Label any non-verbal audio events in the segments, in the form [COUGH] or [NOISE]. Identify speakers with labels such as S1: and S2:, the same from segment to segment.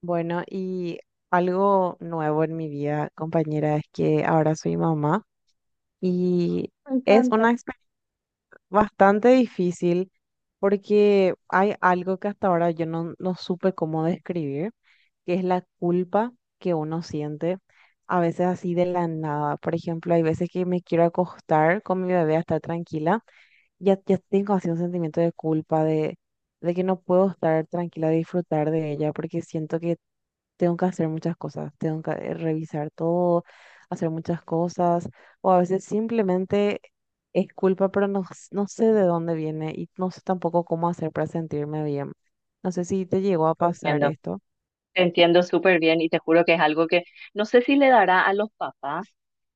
S1: Bueno, y algo nuevo en mi vida, compañera, es que ahora soy mamá y
S2: Me
S1: es una
S2: encanta.
S1: experiencia bastante difícil porque hay algo que hasta ahora yo no supe cómo describir, que es la culpa que uno siente a veces así de la nada. Por ejemplo, hay veces que me quiero acostar con mi bebé a estar tranquila, ya tengo así un sentimiento de culpa, de que no puedo estar tranquila, disfrutar de ella porque siento que tengo que hacer muchas cosas, tengo que revisar todo, hacer muchas cosas, o a veces simplemente es culpa, pero no, no sé de dónde viene y no sé tampoco cómo hacer para sentirme bien. No sé si te llegó a
S2: Te
S1: pasar
S2: Entiendo,
S1: esto.
S2: te entiendo súper bien y te juro que es algo que no sé si le dará a los papás,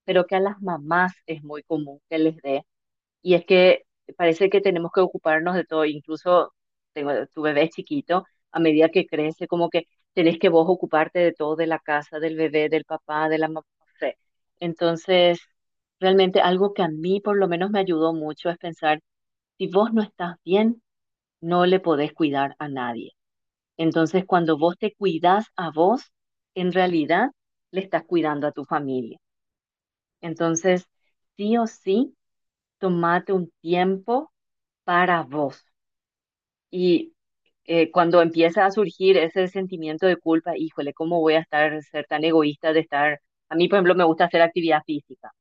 S2: pero que a las mamás es muy común que les dé. Y es que parece que tenemos que ocuparnos de todo, incluso tu bebé es chiquito, a medida que crece, como que tenés que vos ocuparte de todo, de la casa, del bebé, del papá, de la mamá. No sé. Entonces, realmente algo que a mí por lo menos me ayudó mucho es pensar, si vos no estás bien, no le podés cuidar a nadie. Entonces, cuando vos te cuidás a vos, en realidad le estás cuidando a tu familia. Entonces, sí o sí, tomate un tiempo para vos. Y cuando empieza a surgir ese sentimiento de culpa, híjole, ¿cómo voy a estar, ser tan egoísta de estar? A mí, por ejemplo, me gusta hacer actividad física.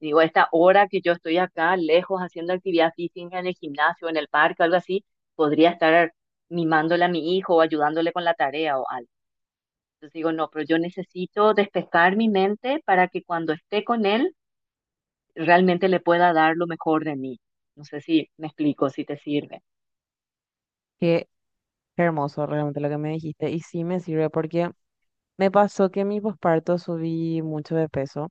S2: Digo, esta hora que yo estoy acá, lejos, haciendo actividad física en el gimnasio, en el parque, algo así, podría estar mimándole a mi hijo o ayudándole con la tarea o algo. Entonces digo, no, pero yo necesito despejar mi mente para que cuando esté con él realmente le pueda dar lo mejor de mí. No sé si me explico, si te sirve.
S1: Qué hermoso realmente lo que me dijiste y sí me sirve porque me pasó que en mi posparto subí mucho de peso.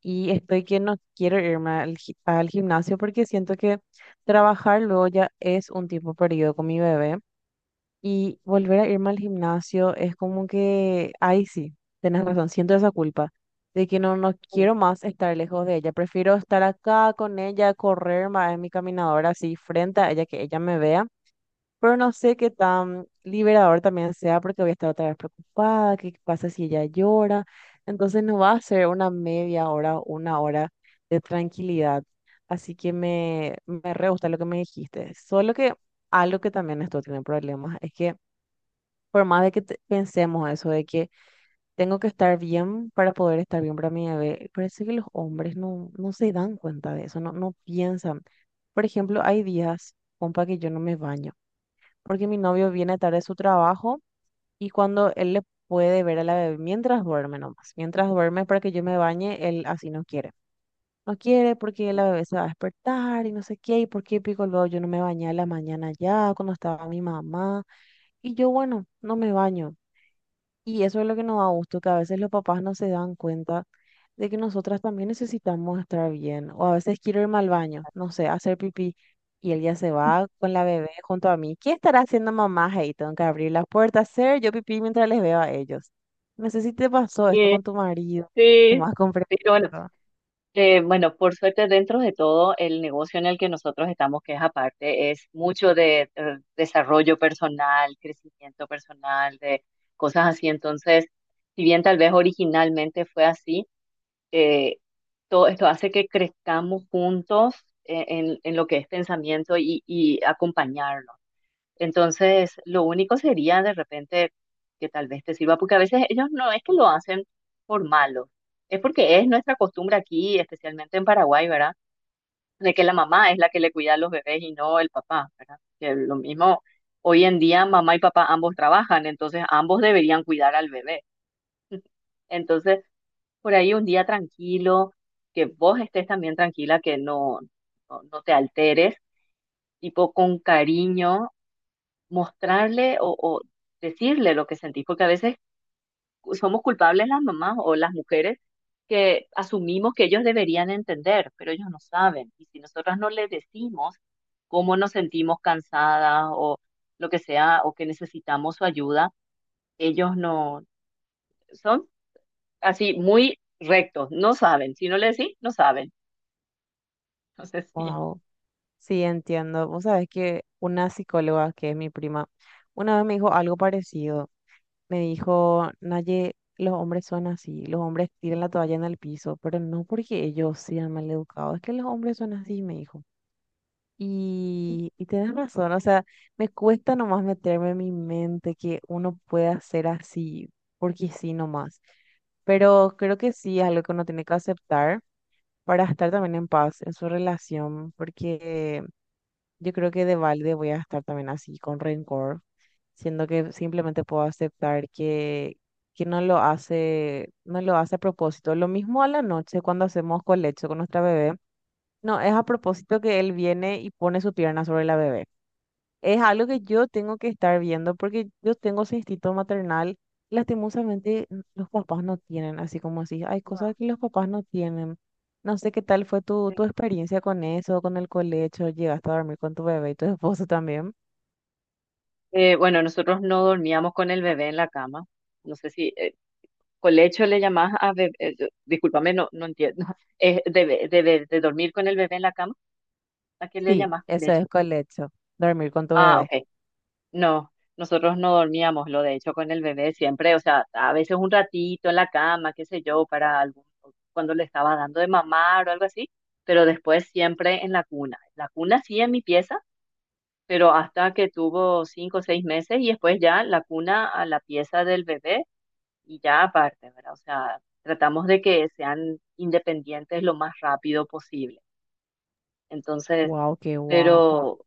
S1: Y estoy que no quiero irme al gimnasio porque siento que trabajar luego ya es un tiempo perdido con mi bebé. Y volver a irme al gimnasio es como que, ay sí, tenés razón, siento esa culpa de que no quiero más estar lejos de ella. Prefiero estar acá con ella, correr más en mi caminadora así frente a ella, que ella me vea, pero no sé qué tan liberador también sea porque voy a estar otra vez preocupada, qué pasa si ella llora. Entonces no va a ser una media hora, una hora de tranquilidad. Así que me re gusta lo que me dijiste. Solo que algo que también esto tiene problemas es que por más de que pensemos eso de que tengo que estar bien para poder estar bien para mi bebé, parece que los hombres no se dan cuenta de eso, no piensan. Por ejemplo, hay días, compa, que yo no me baño porque mi novio viene tarde de su trabajo y cuando él le puede ver a la bebé mientras duerme nomás, mientras duerme para que yo me bañe, él así no quiere. No quiere porque la bebé se va a despertar y no sé qué, y por qué pico luego yo no me bañé a la mañana ya cuando estaba mi mamá. Y yo, bueno, no me baño. Y eso es lo que nos da gusto, que a veces los papás no se dan cuenta de que nosotras también necesitamos estar bien. O a veces quiero irme al baño, no sé, a hacer pipí. Y él ya se va con la bebé junto a mí. ¿Qué estará haciendo mamá? Hey, tengo que abrir las puertas, hacer yo pipí mientras les veo a ellos. No sé si te pasó esto
S2: Sí,
S1: con tu marido, que
S2: sí.
S1: más comprensivo.
S2: Pero bueno, bueno, por suerte dentro de todo el negocio en el que nosotros estamos, que es aparte, es mucho de desarrollo personal, crecimiento personal, de cosas así. Entonces, si bien tal vez originalmente fue así, eh, todo esto hace que crezcamos juntos en lo que es pensamiento y acompañarnos. Entonces, lo único sería de repente que tal vez te sirva, porque a veces ellos no es que lo hacen por malo, es porque es nuestra costumbre aquí, especialmente en Paraguay, ¿verdad? De que la mamá es la que le cuida a los bebés y no el papá, ¿verdad? Que lo mismo, hoy en día mamá y papá ambos trabajan, entonces ambos deberían cuidar al bebé. Entonces, por ahí un día tranquilo, que vos estés también tranquila, que no, no, no te alteres, tipo con cariño, mostrarle o decirle lo que sentís, porque a veces somos culpables las mamás o las mujeres que asumimos que ellos deberían entender, pero ellos no saben. Y si nosotras no les decimos cómo nos sentimos cansadas o lo que sea, o que necesitamos su ayuda, ellos no son así muy rectos, no saben. Si no le decís, no saben. [LAUGHS] No sé si.
S1: Wow, sí, entiendo. Vos sabés que una psicóloga, que es mi prima, una vez me dijo algo parecido. Me dijo, Naye, los hombres son así, los hombres tiran la toalla en el piso, pero no porque ellos sean maleducados, es que los hombres son así, me dijo. Y tenés razón, o sea, me cuesta nomás meterme en mi mente que uno pueda ser así, porque sí nomás. Pero creo que sí es algo que uno tiene que aceptar para estar también en paz en su relación, porque yo creo que de balde voy a estar también así con rencor, siendo que simplemente puedo aceptar que no lo hace, no lo hace a propósito. Lo mismo a la noche cuando hacemos colecho con nuestra bebé. No, es a propósito que él viene y pone su pierna sobre la bebé. Es algo que yo tengo que estar viendo porque yo tengo ese instinto maternal. Lastimosamente, los papás no tienen, así como así. Hay
S2: No.
S1: cosas que los papás no tienen. No sé qué tal fue tu experiencia con eso, con el colecho. ¿Llegaste a dormir con tu bebé y tu [LAUGHS] esposo también?
S2: Bueno, nosotros no dormíamos con el bebé en la cama. No sé si colecho le llamás a bebé. Discúlpame, no, no entiendo. [LAUGHS] De dormir con el bebé en la cama, ¿a qué le
S1: Sí,
S2: llamás
S1: eso
S2: colecho?
S1: es colecho, dormir con tu
S2: Ah,
S1: bebé.
S2: ok. No, nosotros no dormíamos, lo de hecho, con el bebé siempre. O sea, a veces un ratito en la cama, qué sé yo, para algún, cuando le estaba dando de mamar o algo así. Pero después siempre en la cuna. La cuna sí en mi pieza pero hasta que tuvo 5 o 6 meses y después ya la cuna a la pieza del bebé y ya aparte, ¿verdad? O sea, tratamos de que sean independientes lo más rápido posible. Entonces,
S1: Wow, qué guapa.
S2: pero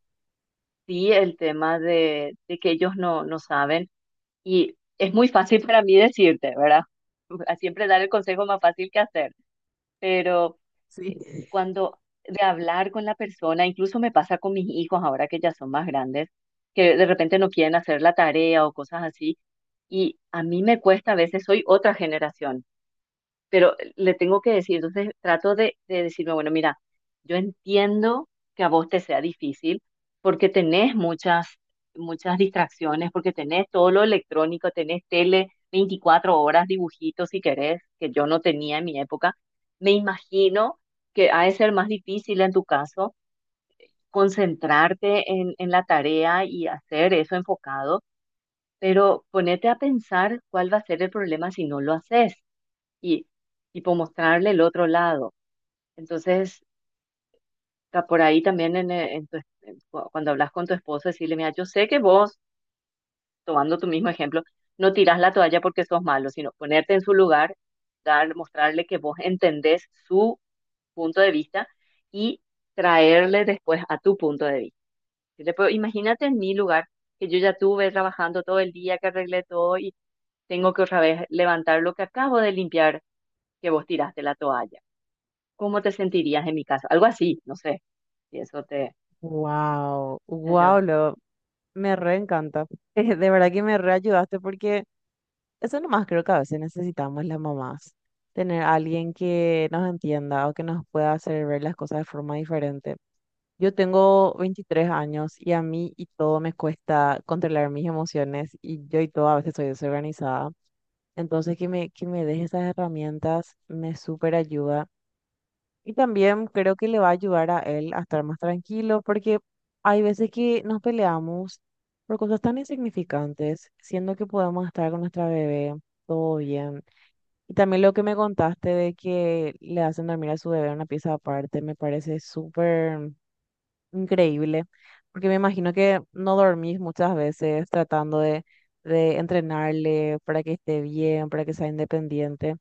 S2: sí el tema de, que ellos no, no saben y es muy fácil para mí decirte, ¿verdad? [LAUGHS] Siempre dar el consejo más fácil que hacer, pero
S1: Sí.
S2: eh, cuando de hablar con la persona, incluso me pasa con mis hijos ahora que ya son más grandes, que de repente no quieren hacer la tarea o cosas así, y a mí me cuesta a veces, soy otra generación, pero le tengo que decir. Entonces trato de decirme, bueno, mira, yo entiendo que a vos te sea difícil porque tenés muchas, muchas distracciones, porque tenés todo lo electrónico, tenés tele 24 horas, dibujitos si querés, que yo no tenía en mi época. Me imagino que ha de ser más difícil en tu caso concentrarte en la tarea y hacer eso enfocado, pero ponete a pensar cuál va a ser el problema si no lo haces y por mostrarle el otro lado. Entonces, por ahí también en tu es- en cu- cuando hablas con tu esposo, decirle, mira, yo sé que vos, tomando tu mismo ejemplo, no tirás la toalla porque sos malo, sino ponerte en su lugar, dar, mostrarle que vos entendés su punto de vista y traerle después a tu punto de vista. Decirle, "Pero imagínate en mi lugar, que yo ya tuve trabajando todo el día, que arreglé todo y tengo que otra vez levantar lo que acabo de limpiar, que vos tiraste la toalla. ¿Cómo te sentirías en mi caso?" Algo así, no sé. Y eso te
S1: Wow,
S2: te
S1: wow,
S2: ayuda.
S1: lo, me re encanta. [LAUGHS] De verdad que me re ayudaste porque eso nomás creo que a veces necesitamos las mamás, tener a alguien que nos entienda o que nos pueda hacer ver las cosas de forma diferente. Yo tengo 23 años y a mí y todo me cuesta controlar mis emociones y yo y todo a veces soy desorganizada. Entonces que me deje esas herramientas me súper ayuda. Y también creo que le va a ayudar a él a estar más tranquilo porque hay veces que nos peleamos por cosas tan insignificantes, siendo que podemos estar con nuestra bebé todo bien. Y también lo que me contaste de que le hacen dormir a su bebé en una pieza aparte, me parece súper increíble, porque me imagino que no dormís muchas veces tratando de entrenarle para que esté bien, para que sea independiente.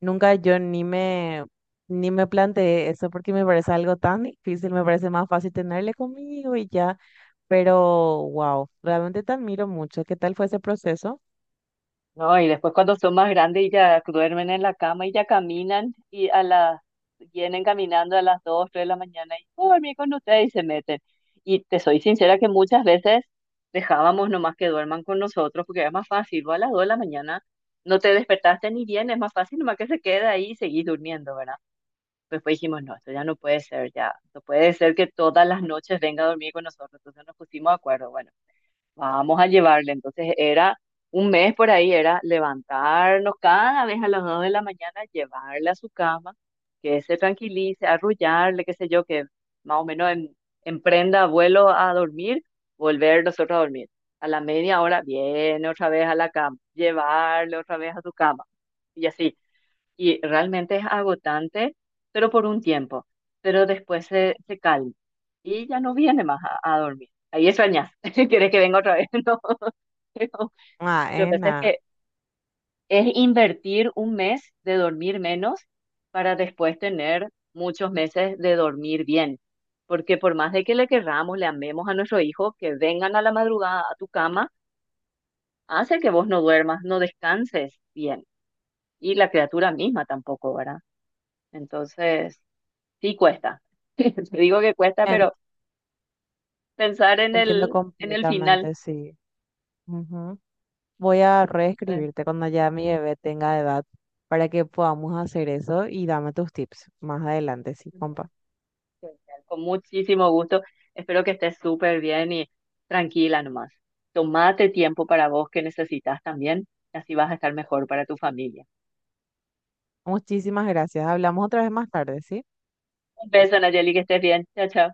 S1: Nunca yo ni me planteé eso porque me parece algo tan difícil, me parece más fácil tenerle conmigo y ya, pero wow, realmente te admiro mucho. ¿Qué tal fue ese proceso?
S2: No, y después cuando son más grandes y ya duermen en la cama y ya caminan y a las, vienen caminando a las 2, 3 de la mañana y "Oh, dormí con ustedes" y se meten. Y te soy sincera que muchas veces dejábamos nomás que duerman con nosotros porque es más fácil, vos a las 2 de la mañana no te despertaste ni bien, es más fácil nomás que se quede ahí y seguís durmiendo, ¿verdad? Después dijimos, no, esto ya no puede ser, ya, no puede ser que todas las noches venga a dormir con nosotros, entonces nos pusimos de acuerdo, bueno, vamos a llevarle. Entonces era un mes por ahí, era levantarnos cada vez a las 2 de la mañana, llevarle a su cama, que se tranquilice, arrullarle, qué sé yo, que más o menos emprenda vuelo a dormir, volver nosotros a dormir. A la media hora viene otra vez a la cama, llevarle otra vez a su cama. Y así, y realmente es agotante, pero por un tiempo, pero después se calma y ya no viene más a dormir. Ahí extrañas, [LAUGHS] si quieres que venga otra vez, [LAUGHS] no, pero
S1: Ah,
S2: lo que pasa es
S1: Ena,
S2: que es invertir un mes de dormir menos para después tener muchos meses de dormir bien. Porque por más de que le querramos, le amemos a nuestro hijo, que vengan a la madrugada a tu cama, hace que vos no duermas, no descanses bien. Y la criatura misma tampoco, ¿verdad? Entonces, sí cuesta. [LAUGHS] Te digo que cuesta,
S1: en-
S2: pero pensar
S1: entiendo
S2: en el final.
S1: completamente, sí. Ujú. Voy a
S2: Entonces,
S1: reescribirte cuando ya mi bebé tenga edad para que podamos hacer eso y dame tus tips más adelante, sí,
S2: ujú.
S1: compa.
S2: Genial, con muchísimo gusto. Espero que estés súper bien y tranquila nomás. Tomate tiempo para vos que necesitas también. Así vas a estar mejor para tu familia.
S1: Muchísimas gracias. Hablamos otra vez más tarde, ¿sí?
S2: Un beso, Nayeli, que estés bien. Chao, chao.